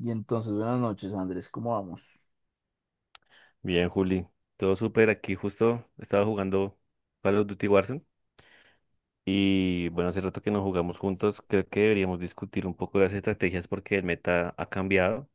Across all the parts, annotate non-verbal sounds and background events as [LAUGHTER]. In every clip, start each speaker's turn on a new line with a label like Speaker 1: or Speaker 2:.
Speaker 1: Y entonces, buenas noches, Andrés, ¿cómo vamos?
Speaker 2: Bien, Juli. Todo súper. Aquí justo estaba jugando Call of Duty Warzone. Y bueno, hace rato que no jugamos juntos. Creo que deberíamos discutir un poco las estrategias porque el meta ha cambiado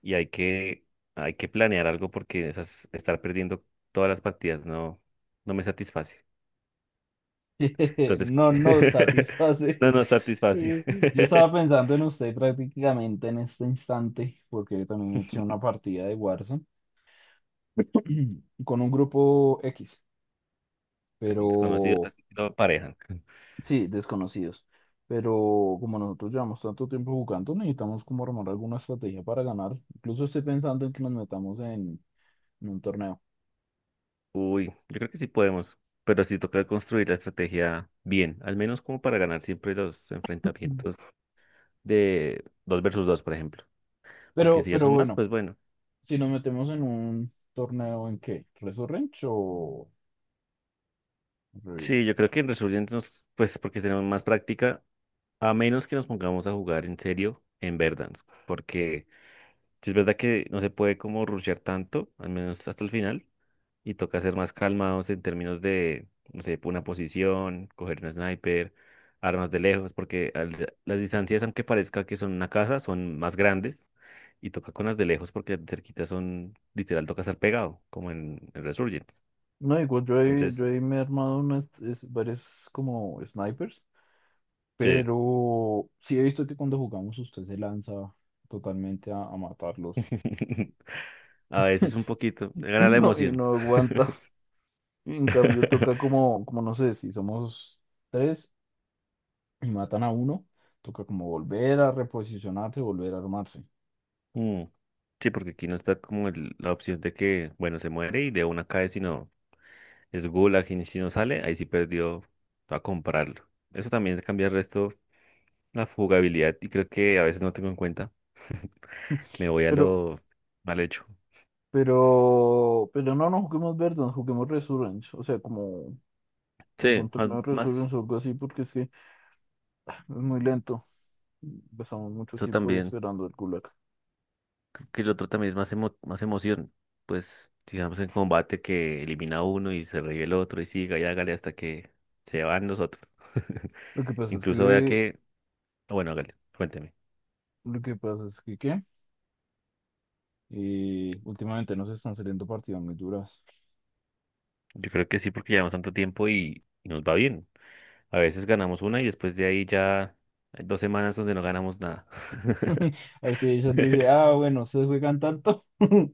Speaker 2: y hay que planear algo porque estar perdiendo todas las partidas no me satisface.
Speaker 1: [LAUGHS]
Speaker 2: Entonces,
Speaker 1: No nos
Speaker 2: [LAUGHS] no
Speaker 1: satisface.
Speaker 2: nos satisface.
Speaker 1: [LAUGHS] Yo estaba
Speaker 2: [LAUGHS]
Speaker 1: pensando en usted prácticamente en este instante, porque yo también me eché una partida de Warzone [CLEARS THROAT] con un grupo X, pero
Speaker 2: Desconocidos así que no.
Speaker 1: sí, desconocidos. Pero como nosotros llevamos tanto tiempo jugando, necesitamos como armar alguna estrategia para ganar. Incluso estoy pensando en que nos metamos en, un torneo.
Speaker 2: Uy, yo creo que sí podemos, pero sí toca construir la estrategia bien, al menos como para ganar siempre los enfrentamientos de 2 versus 2, por ejemplo, porque
Speaker 1: Pero,
Speaker 2: si ya
Speaker 1: pero
Speaker 2: son más,
Speaker 1: bueno.
Speaker 2: pues bueno.
Speaker 1: Si nos metemos en un torneo en qué, Resurrench o Rebirth.
Speaker 2: Sí, yo creo que en resumen, pues porque tenemos más práctica, a menos que nos pongamos a jugar en serio en Verdansk, porque si es verdad que no se puede como rushear tanto, al menos hasta el final, y toca ser más calmados en términos de, no sé, una posición, coger un sniper, armas de lejos, porque las distancias, aunque parezca que son una casa, son más grandes y toca con las de lejos porque cerquitas son, literal, toca estar pegado, como en Resurgent.
Speaker 1: No, digo,
Speaker 2: Entonces,
Speaker 1: yo he me he armado varias como snipers,
Speaker 2: sí,
Speaker 1: pero sí he visto que cuando jugamos usted se lanza totalmente a matarlos.
Speaker 2: [LAUGHS] a veces un poquito,
Speaker 1: [LAUGHS] y
Speaker 2: gana la
Speaker 1: no, y
Speaker 2: emoción.
Speaker 1: no aguanta. Y en cambio toca
Speaker 2: [LAUGHS]
Speaker 1: como no sé, si somos tres y matan a uno, toca como volver a reposicionarse, volver a armarse.
Speaker 2: Mm, sí, porque aquí no está como la opción de que, bueno, se muere y de una cae, sino es Gulag y si no sale, ahí sí perdió a comprarlo. Eso también cambia el resto, la jugabilidad, y creo que a veces no tengo en cuenta. Me voy a
Speaker 1: Pero,
Speaker 2: lo mal hecho.
Speaker 1: pero no juguemos Verdant, juguemos Resurrenge, o sea, como el buen
Speaker 2: Sí,
Speaker 1: torneo Resurgence o
Speaker 2: más,
Speaker 1: algo así, porque es que es muy lento. Pasamos mucho
Speaker 2: eso
Speaker 1: tiempo ahí
Speaker 2: también,
Speaker 1: esperando el Gulag.
Speaker 2: que el otro también es más emoción. Pues, digamos, en combate que elimina a uno y se revive el otro y siga y hágale hasta que se van los otros. [LAUGHS]
Speaker 1: Lo que pasa es
Speaker 2: Incluso vea
Speaker 1: que,
Speaker 2: que, bueno, hágale, cuénteme.
Speaker 1: lo que pasa es que, ¿qué? Y últimamente nos están saliendo partidas muy duras.
Speaker 2: Yo creo que sí, porque llevamos tanto tiempo y nos va bien. A veces ganamos una y después de ahí ya hay dos semanas donde no ganamos nada.
Speaker 1: [LAUGHS] Activision dice,
Speaker 2: [LAUGHS]
Speaker 1: ah, bueno, ustedes juegan tanto. [LAUGHS]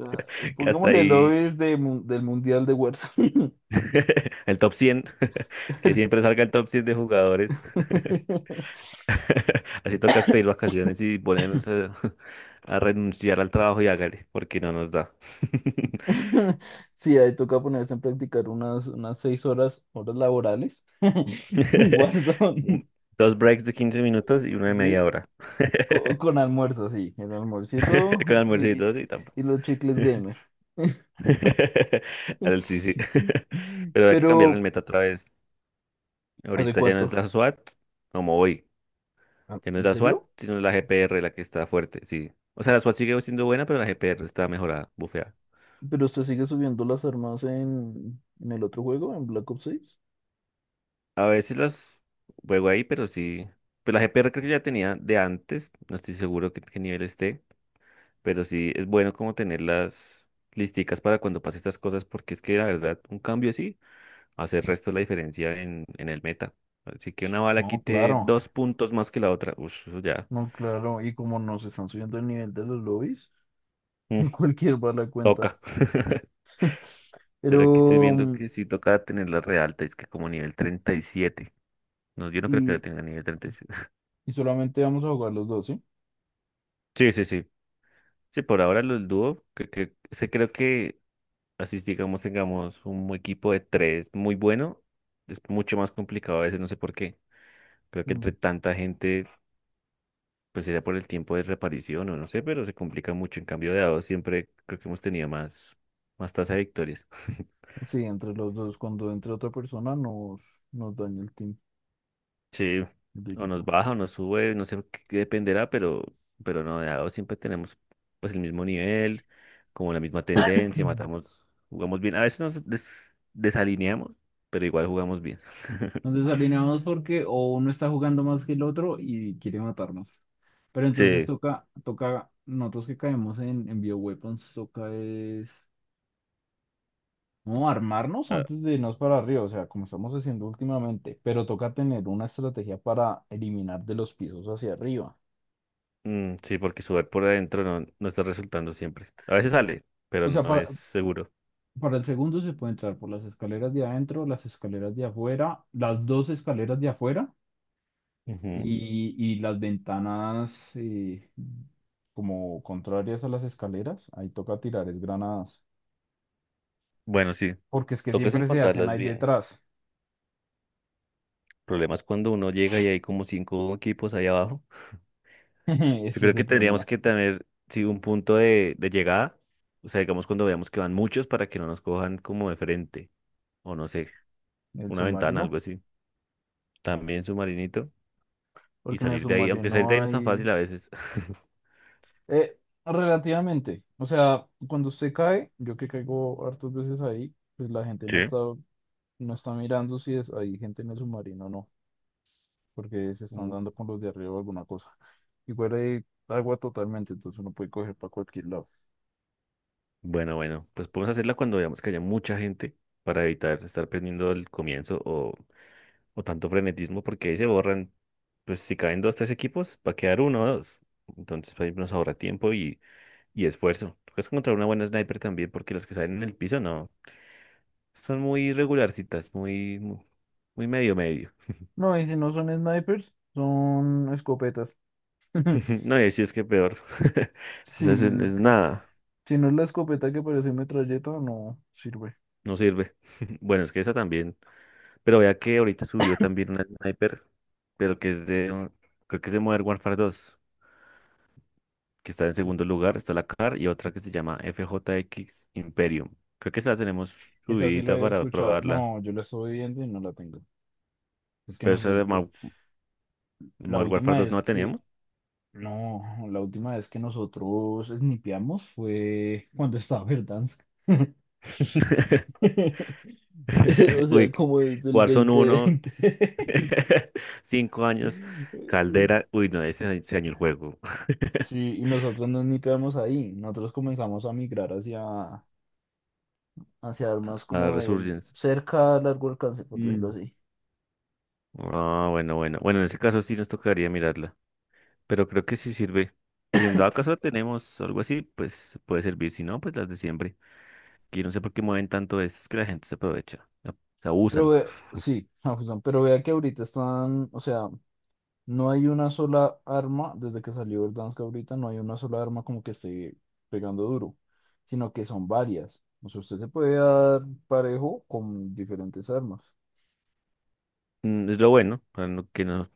Speaker 1: Ah,
Speaker 2: Que hasta
Speaker 1: pongámosle
Speaker 2: ahí
Speaker 1: lobbies de, del Mundial de Warzone.
Speaker 2: [LAUGHS] el top 100 [LAUGHS] que siempre salga el top 100 de jugadores.
Speaker 1: [LAUGHS]
Speaker 2: [LAUGHS] Así toca pedir vacaciones y [LAUGHS] a renunciar al trabajo y hágale, porque no nos da.
Speaker 1: Sí, ahí toca ponerse en practicar unas 6 horas, horas laborales. [LAUGHS] en
Speaker 2: [LAUGHS] Un-
Speaker 1: Warzone.
Speaker 2: Dos breaks de 15 minutos y uno de media
Speaker 1: Sí,
Speaker 2: hora.
Speaker 1: Con almuerzo, sí, el almuercito
Speaker 2: [LAUGHS] Con
Speaker 1: y,
Speaker 2: almuercitos y tampoco.
Speaker 1: y los chicles gamer.
Speaker 2: [LAUGHS] Sí, sí.
Speaker 1: [LAUGHS]
Speaker 2: [LAUGHS] Pero hay que cambiar el
Speaker 1: Pero,
Speaker 2: meta otra vez.
Speaker 1: ¿hace
Speaker 2: Ahorita ya no es
Speaker 1: cuánto?
Speaker 2: la SWAT, como hoy.
Speaker 1: Ah,
Speaker 2: Ya no es
Speaker 1: ¿En
Speaker 2: la SWAT,
Speaker 1: serio?
Speaker 2: sino la GPR la que está fuerte, sí. O sea, la SWAT sigue siendo buena, pero la GPR está mejorada, bufeada.
Speaker 1: ¿Pero usted sigue subiendo las armas en el otro juego, en Black Ops 6?
Speaker 2: A veces las juego ahí, pero sí. Pues la GPR creo que ya tenía de antes, no estoy seguro qué nivel esté, pero sí es bueno como tenerlas listicas para cuando pase estas cosas, porque es que la verdad, un cambio así hace el resto de la diferencia en el meta. Así que una bala
Speaker 1: No,
Speaker 2: quite
Speaker 1: claro,
Speaker 2: dos puntos más que la otra. Uff, ya.
Speaker 1: no, claro, y como nos están subiendo el nivel de los lobbies,
Speaker 2: Mm,
Speaker 1: [LAUGHS] cualquier bala cuenta.
Speaker 2: toca. [LAUGHS]
Speaker 1: [LAUGHS]
Speaker 2: Pero aquí estoy
Speaker 1: Pero,
Speaker 2: viendo
Speaker 1: mm,
Speaker 2: que sí toca tenerla re alta, es que como nivel treinta y siete. No, yo no creo que la
Speaker 1: y,
Speaker 2: tenga nivel treinta y siete. [LAUGHS]
Speaker 1: y solamente vamos a jugar los dos, ¿sí?
Speaker 2: Sí, sí. Sí, por ahora los dúo, que, se creo que así digamos tengamos un equipo de tres muy bueno, es mucho más complicado a veces, no sé por qué. Creo que
Speaker 1: Mm.
Speaker 2: entre tanta gente, pues sería por el tiempo de reparición o no sé, pero se complica mucho. En cambio de a dos siempre creo que hemos tenido más tasa de victorias. [LAUGHS]
Speaker 1: Sí, entre los dos, cuando entre otra persona nos, daña el team,
Speaker 2: Sí,
Speaker 1: el
Speaker 2: o nos
Speaker 1: equipo.
Speaker 2: baja o nos sube, no sé qué dependerá, pero no, de a dos siempre tenemos pues el mismo nivel, como la misma tendencia,
Speaker 1: [CLEARS THROAT]
Speaker 2: matamos, jugamos bien. A veces nos desalineamos, pero igual jugamos bien.
Speaker 1: Nos
Speaker 2: [LAUGHS]
Speaker 1: desalineamos porque o uno está jugando más que el otro y quiere matarnos. Pero entonces
Speaker 2: Sí,
Speaker 1: nosotros que caemos en bioweapons, toca es, no, armarnos
Speaker 2: ah,
Speaker 1: antes de irnos para arriba, o sea, como estamos haciendo últimamente, pero toca tener una estrategia para eliminar de los pisos hacia arriba.
Speaker 2: mm, sí, porque sudar por adentro no está resultando siempre. A veces sale, pero
Speaker 1: O sea,
Speaker 2: no es seguro.
Speaker 1: para el segundo se puede entrar por las escaleras de adentro, las escaleras de afuera, las dos escaleras de afuera.
Speaker 2: Ujú.
Speaker 1: Y las ventanas como contrarias a las escaleras, ahí toca tirar es granadas.
Speaker 2: Bueno, sí,
Speaker 1: Porque es que
Speaker 2: toca es
Speaker 1: siempre se hacen
Speaker 2: encontrarlas
Speaker 1: ahí
Speaker 2: bien. El
Speaker 1: detrás.
Speaker 2: problema es cuando uno llega y hay como cinco equipos ahí abajo.
Speaker 1: [LAUGHS]
Speaker 2: Yo
Speaker 1: Ese es
Speaker 2: creo que
Speaker 1: el
Speaker 2: tendríamos
Speaker 1: problema.
Speaker 2: que tener, sí, un punto de llegada. O sea, digamos cuando veamos que van muchos para que no nos cojan como de frente. O no sé,
Speaker 1: El
Speaker 2: una ventana, algo
Speaker 1: submarino.
Speaker 2: así. También submarinito. Y
Speaker 1: Porque en el
Speaker 2: salir de ahí, aunque salir de
Speaker 1: submarino
Speaker 2: ahí no es tan
Speaker 1: hay
Speaker 2: fácil a veces. [LAUGHS]
Speaker 1: eh, relativamente. O sea, cuando usted cae, yo que caigo hartas veces ahí, pues la gente
Speaker 2: Sí.
Speaker 1: no está mirando si es, hay gente en el submarino o no. Porque se están
Speaker 2: Mm.
Speaker 1: dando con los de arriba o alguna cosa. Igual hay agua totalmente, entonces uno puede coger para cualquier lado.
Speaker 2: Bueno, bueno, pues podemos hacerla cuando veamos que haya mucha gente para evitar estar perdiendo el o tanto frenetismo, porque ahí se borran, pues si caen dos, tres equipos, va a quedar uno o dos. Entonces, pues, ahí nos ahorra tiempo y Y esfuerzo. Es encontrar una buena sniper también, porque las que salen en el piso no. Son muy regularcitas, muy medio medio.
Speaker 1: No, y si no son snipers, son escopetas.
Speaker 2: [LAUGHS]
Speaker 1: [LAUGHS]
Speaker 2: No, y si es que peor. [LAUGHS]
Speaker 1: Sí,
Speaker 2: Entonces
Speaker 1: es
Speaker 2: es
Speaker 1: que
Speaker 2: nada,
Speaker 1: si no es la escopeta que parece metralleta, no sirve.
Speaker 2: no sirve. [LAUGHS] Bueno, es que esa también. Pero vea que ahorita subió también una sniper, pero que es creo que es de Modern Warfare 2, que está en segundo lugar, está la CAR y otra que se llama FJX Imperium. Creo que esa la tenemos
Speaker 1: Esa sí la
Speaker 2: subidita
Speaker 1: había
Speaker 2: para
Speaker 1: escuchado.
Speaker 2: probarla.
Speaker 1: No, yo la estoy viendo y no la tengo. Es que
Speaker 2: Pero esa de
Speaker 1: nosotros, la
Speaker 2: Modern Warfare
Speaker 1: última
Speaker 2: 2 no
Speaker 1: vez
Speaker 2: la
Speaker 1: que,
Speaker 2: teníamos.
Speaker 1: no, la última vez que nosotros snipeamos fue cuando estaba Verdansk.
Speaker 2: [LAUGHS]
Speaker 1: [LAUGHS] O
Speaker 2: [LAUGHS]
Speaker 1: sea,
Speaker 2: Uy,
Speaker 1: como desde el dos mil
Speaker 2: Warzone uno,
Speaker 1: veinte
Speaker 2: [LAUGHS] 5 años,
Speaker 1: [LAUGHS]
Speaker 2: Caldera, uy, no, ese año el juego. [LAUGHS]
Speaker 1: Sí, y nosotros no snipeamos ahí. Nosotros comenzamos a migrar hacia armas
Speaker 2: Ah,
Speaker 1: como de
Speaker 2: Resurgence.
Speaker 1: cerca a largo alcance, por decirlo
Speaker 2: Mm.
Speaker 1: así.
Speaker 2: Ah, bueno. Bueno, en ese caso sí nos tocaría mirarla, pero creo que sí sirve. Si en dado caso tenemos algo así, pues puede servir, si no, pues las de siempre. Que yo no sé por qué mueven tanto esto, es que la gente se aprovecha, ¿no? Se
Speaker 1: Pero
Speaker 2: abusan.
Speaker 1: sí, [LAUGHS] a fusión, pero vea que ahorita están, o sea, no hay una sola arma, desde que salió el Danske ahorita, no hay una sola arma como que esté pegando duro, sino que son varias. O sea, usted se puede dar parejo con diferentes armas.
Speaker 2: Mm, es lo bueno, para que no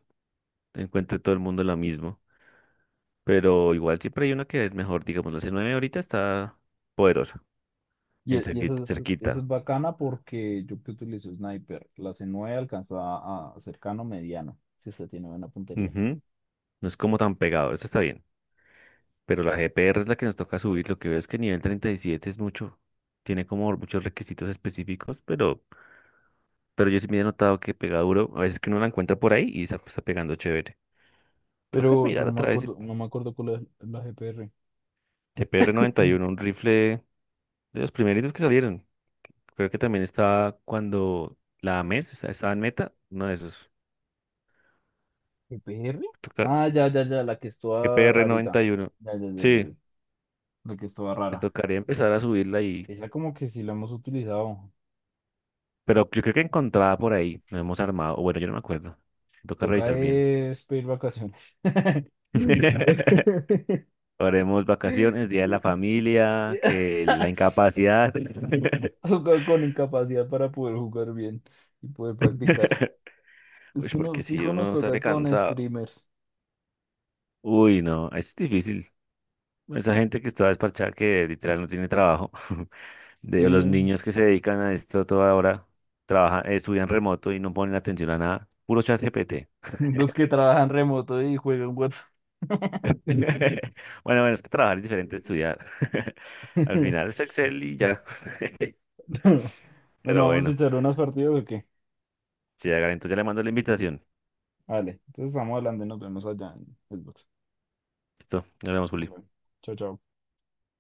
Speaker 2: encuentre todo el mundo lo mismo, pero igual siempre hay una que es mejor, digamos, la C9 ahorita está poderosa.
Speaker 1: Y,
Speaker 2: En
Speaker 1: e- y
Speaker 2: cerquita,
Speaker 1: esa es, esa
Speaker 2: cerquita.
Speaker 1: es bacana porque yo que utilizo sniper, la C9 alcanza a cercano mediano, si usted tiene buena puntería.
Speaker 2: Ujú. No es como tan pegado, eso está bien. Pero la GPR es la que nos toca subir. Lo que veo es que nivel 37 es mucho. Tiene como muchos requisitos específicos, pero yo sí me he notado que pega duro. A veces que uno la encuentra por ahí y está pegando chévere. Tocas
Speaker 1: Pero yo
Speaker 2: mirar
Speaker 1: no
Speaker 2: a
Speaker 1: me
Speaker 2: través de
Speaker 1: acuerdo, no me acuerdo cuál es la GPR.
Speaker 2: GPR 91, un rifle de los primeritos que salieron. Creo que también estaba cuando la MES estaba en meta, uno de esos.
Speaker 1: ¿EPR?
Speaker 2: Tocar
Speaker 1: Ah, ya, ya, ya, la que es toda
Speaker 2: GPR
Speaker 1: rarita.
Speaker 2: 91.
Speaker 1: Ya, ya, ya, ya,
Speaker 2: Sí,
Speaker 1: ya. La que es toda
Speaker 2: les
Speaker 1: rara.
Speaker 2: tocaría empezar a subirla.
Speaker 1: Esa como que sí la hemos utilizado.
Speaker 2: Pero yo creo que encontraba por ahí, nos hemos armado, o bueno, yo no me acuerdo, toca
Speaker 1: Toca
Speaker 2: revisar bien.
Speaker 1: es pedir vacaciones. [LAUGHS]
Speaker 2: [LAUGHS] Haremos vacaciones, día de la familia, que la incapacidad. [LAUGHS]
Speaker 1: Toca con incapacidad para poder jugar bien y poder practicar.
Speaker 2: Uy,
Speaker 1: Es que no,
Speaker 2: porque si
Speaker 1: fijo nos
Speaker 2: uno sale
Speaker 1: toca con
Speaker 2: cansado.
Speaker 1: streamers.
Speaker 2: Uy, no, es difícil. Esa gente que está despachada, que literal no tiene trabajo, [LAUGHS]
Speaker 1: Sí,
Speaker 2: de los niños que se dedican a esto toda hora, trabajan, estudian remoto y no ponen atención a nada, puro chat GPT.
Speaker 1: los que trabajan remoto y juegan WhatsApp.
Speaker 2: [LAUGHS] Bueno, bueno, es que trabajar es diferente a estudiar. [LAUGHS] Al final es
Speaker 1: [LAUGHS]
Speaker 2: Excel y ya. [LAUGHS]
Speaker 1: Bueno,
Speaker 2: Pero
Speaker 1: ¿vamos a
Speaker 2: bueno,
Speaker 1: echar unas partidas o qué?
Speaker 2: si hagan, entonces ya le mando la invitación.
Speaker 1: Vale, entonces estamos hablando y nos vemos allá en Xbox.
Speaker 2: Listo, nos vemos, Juli.
Speaker 1: Vale. Chao, chao.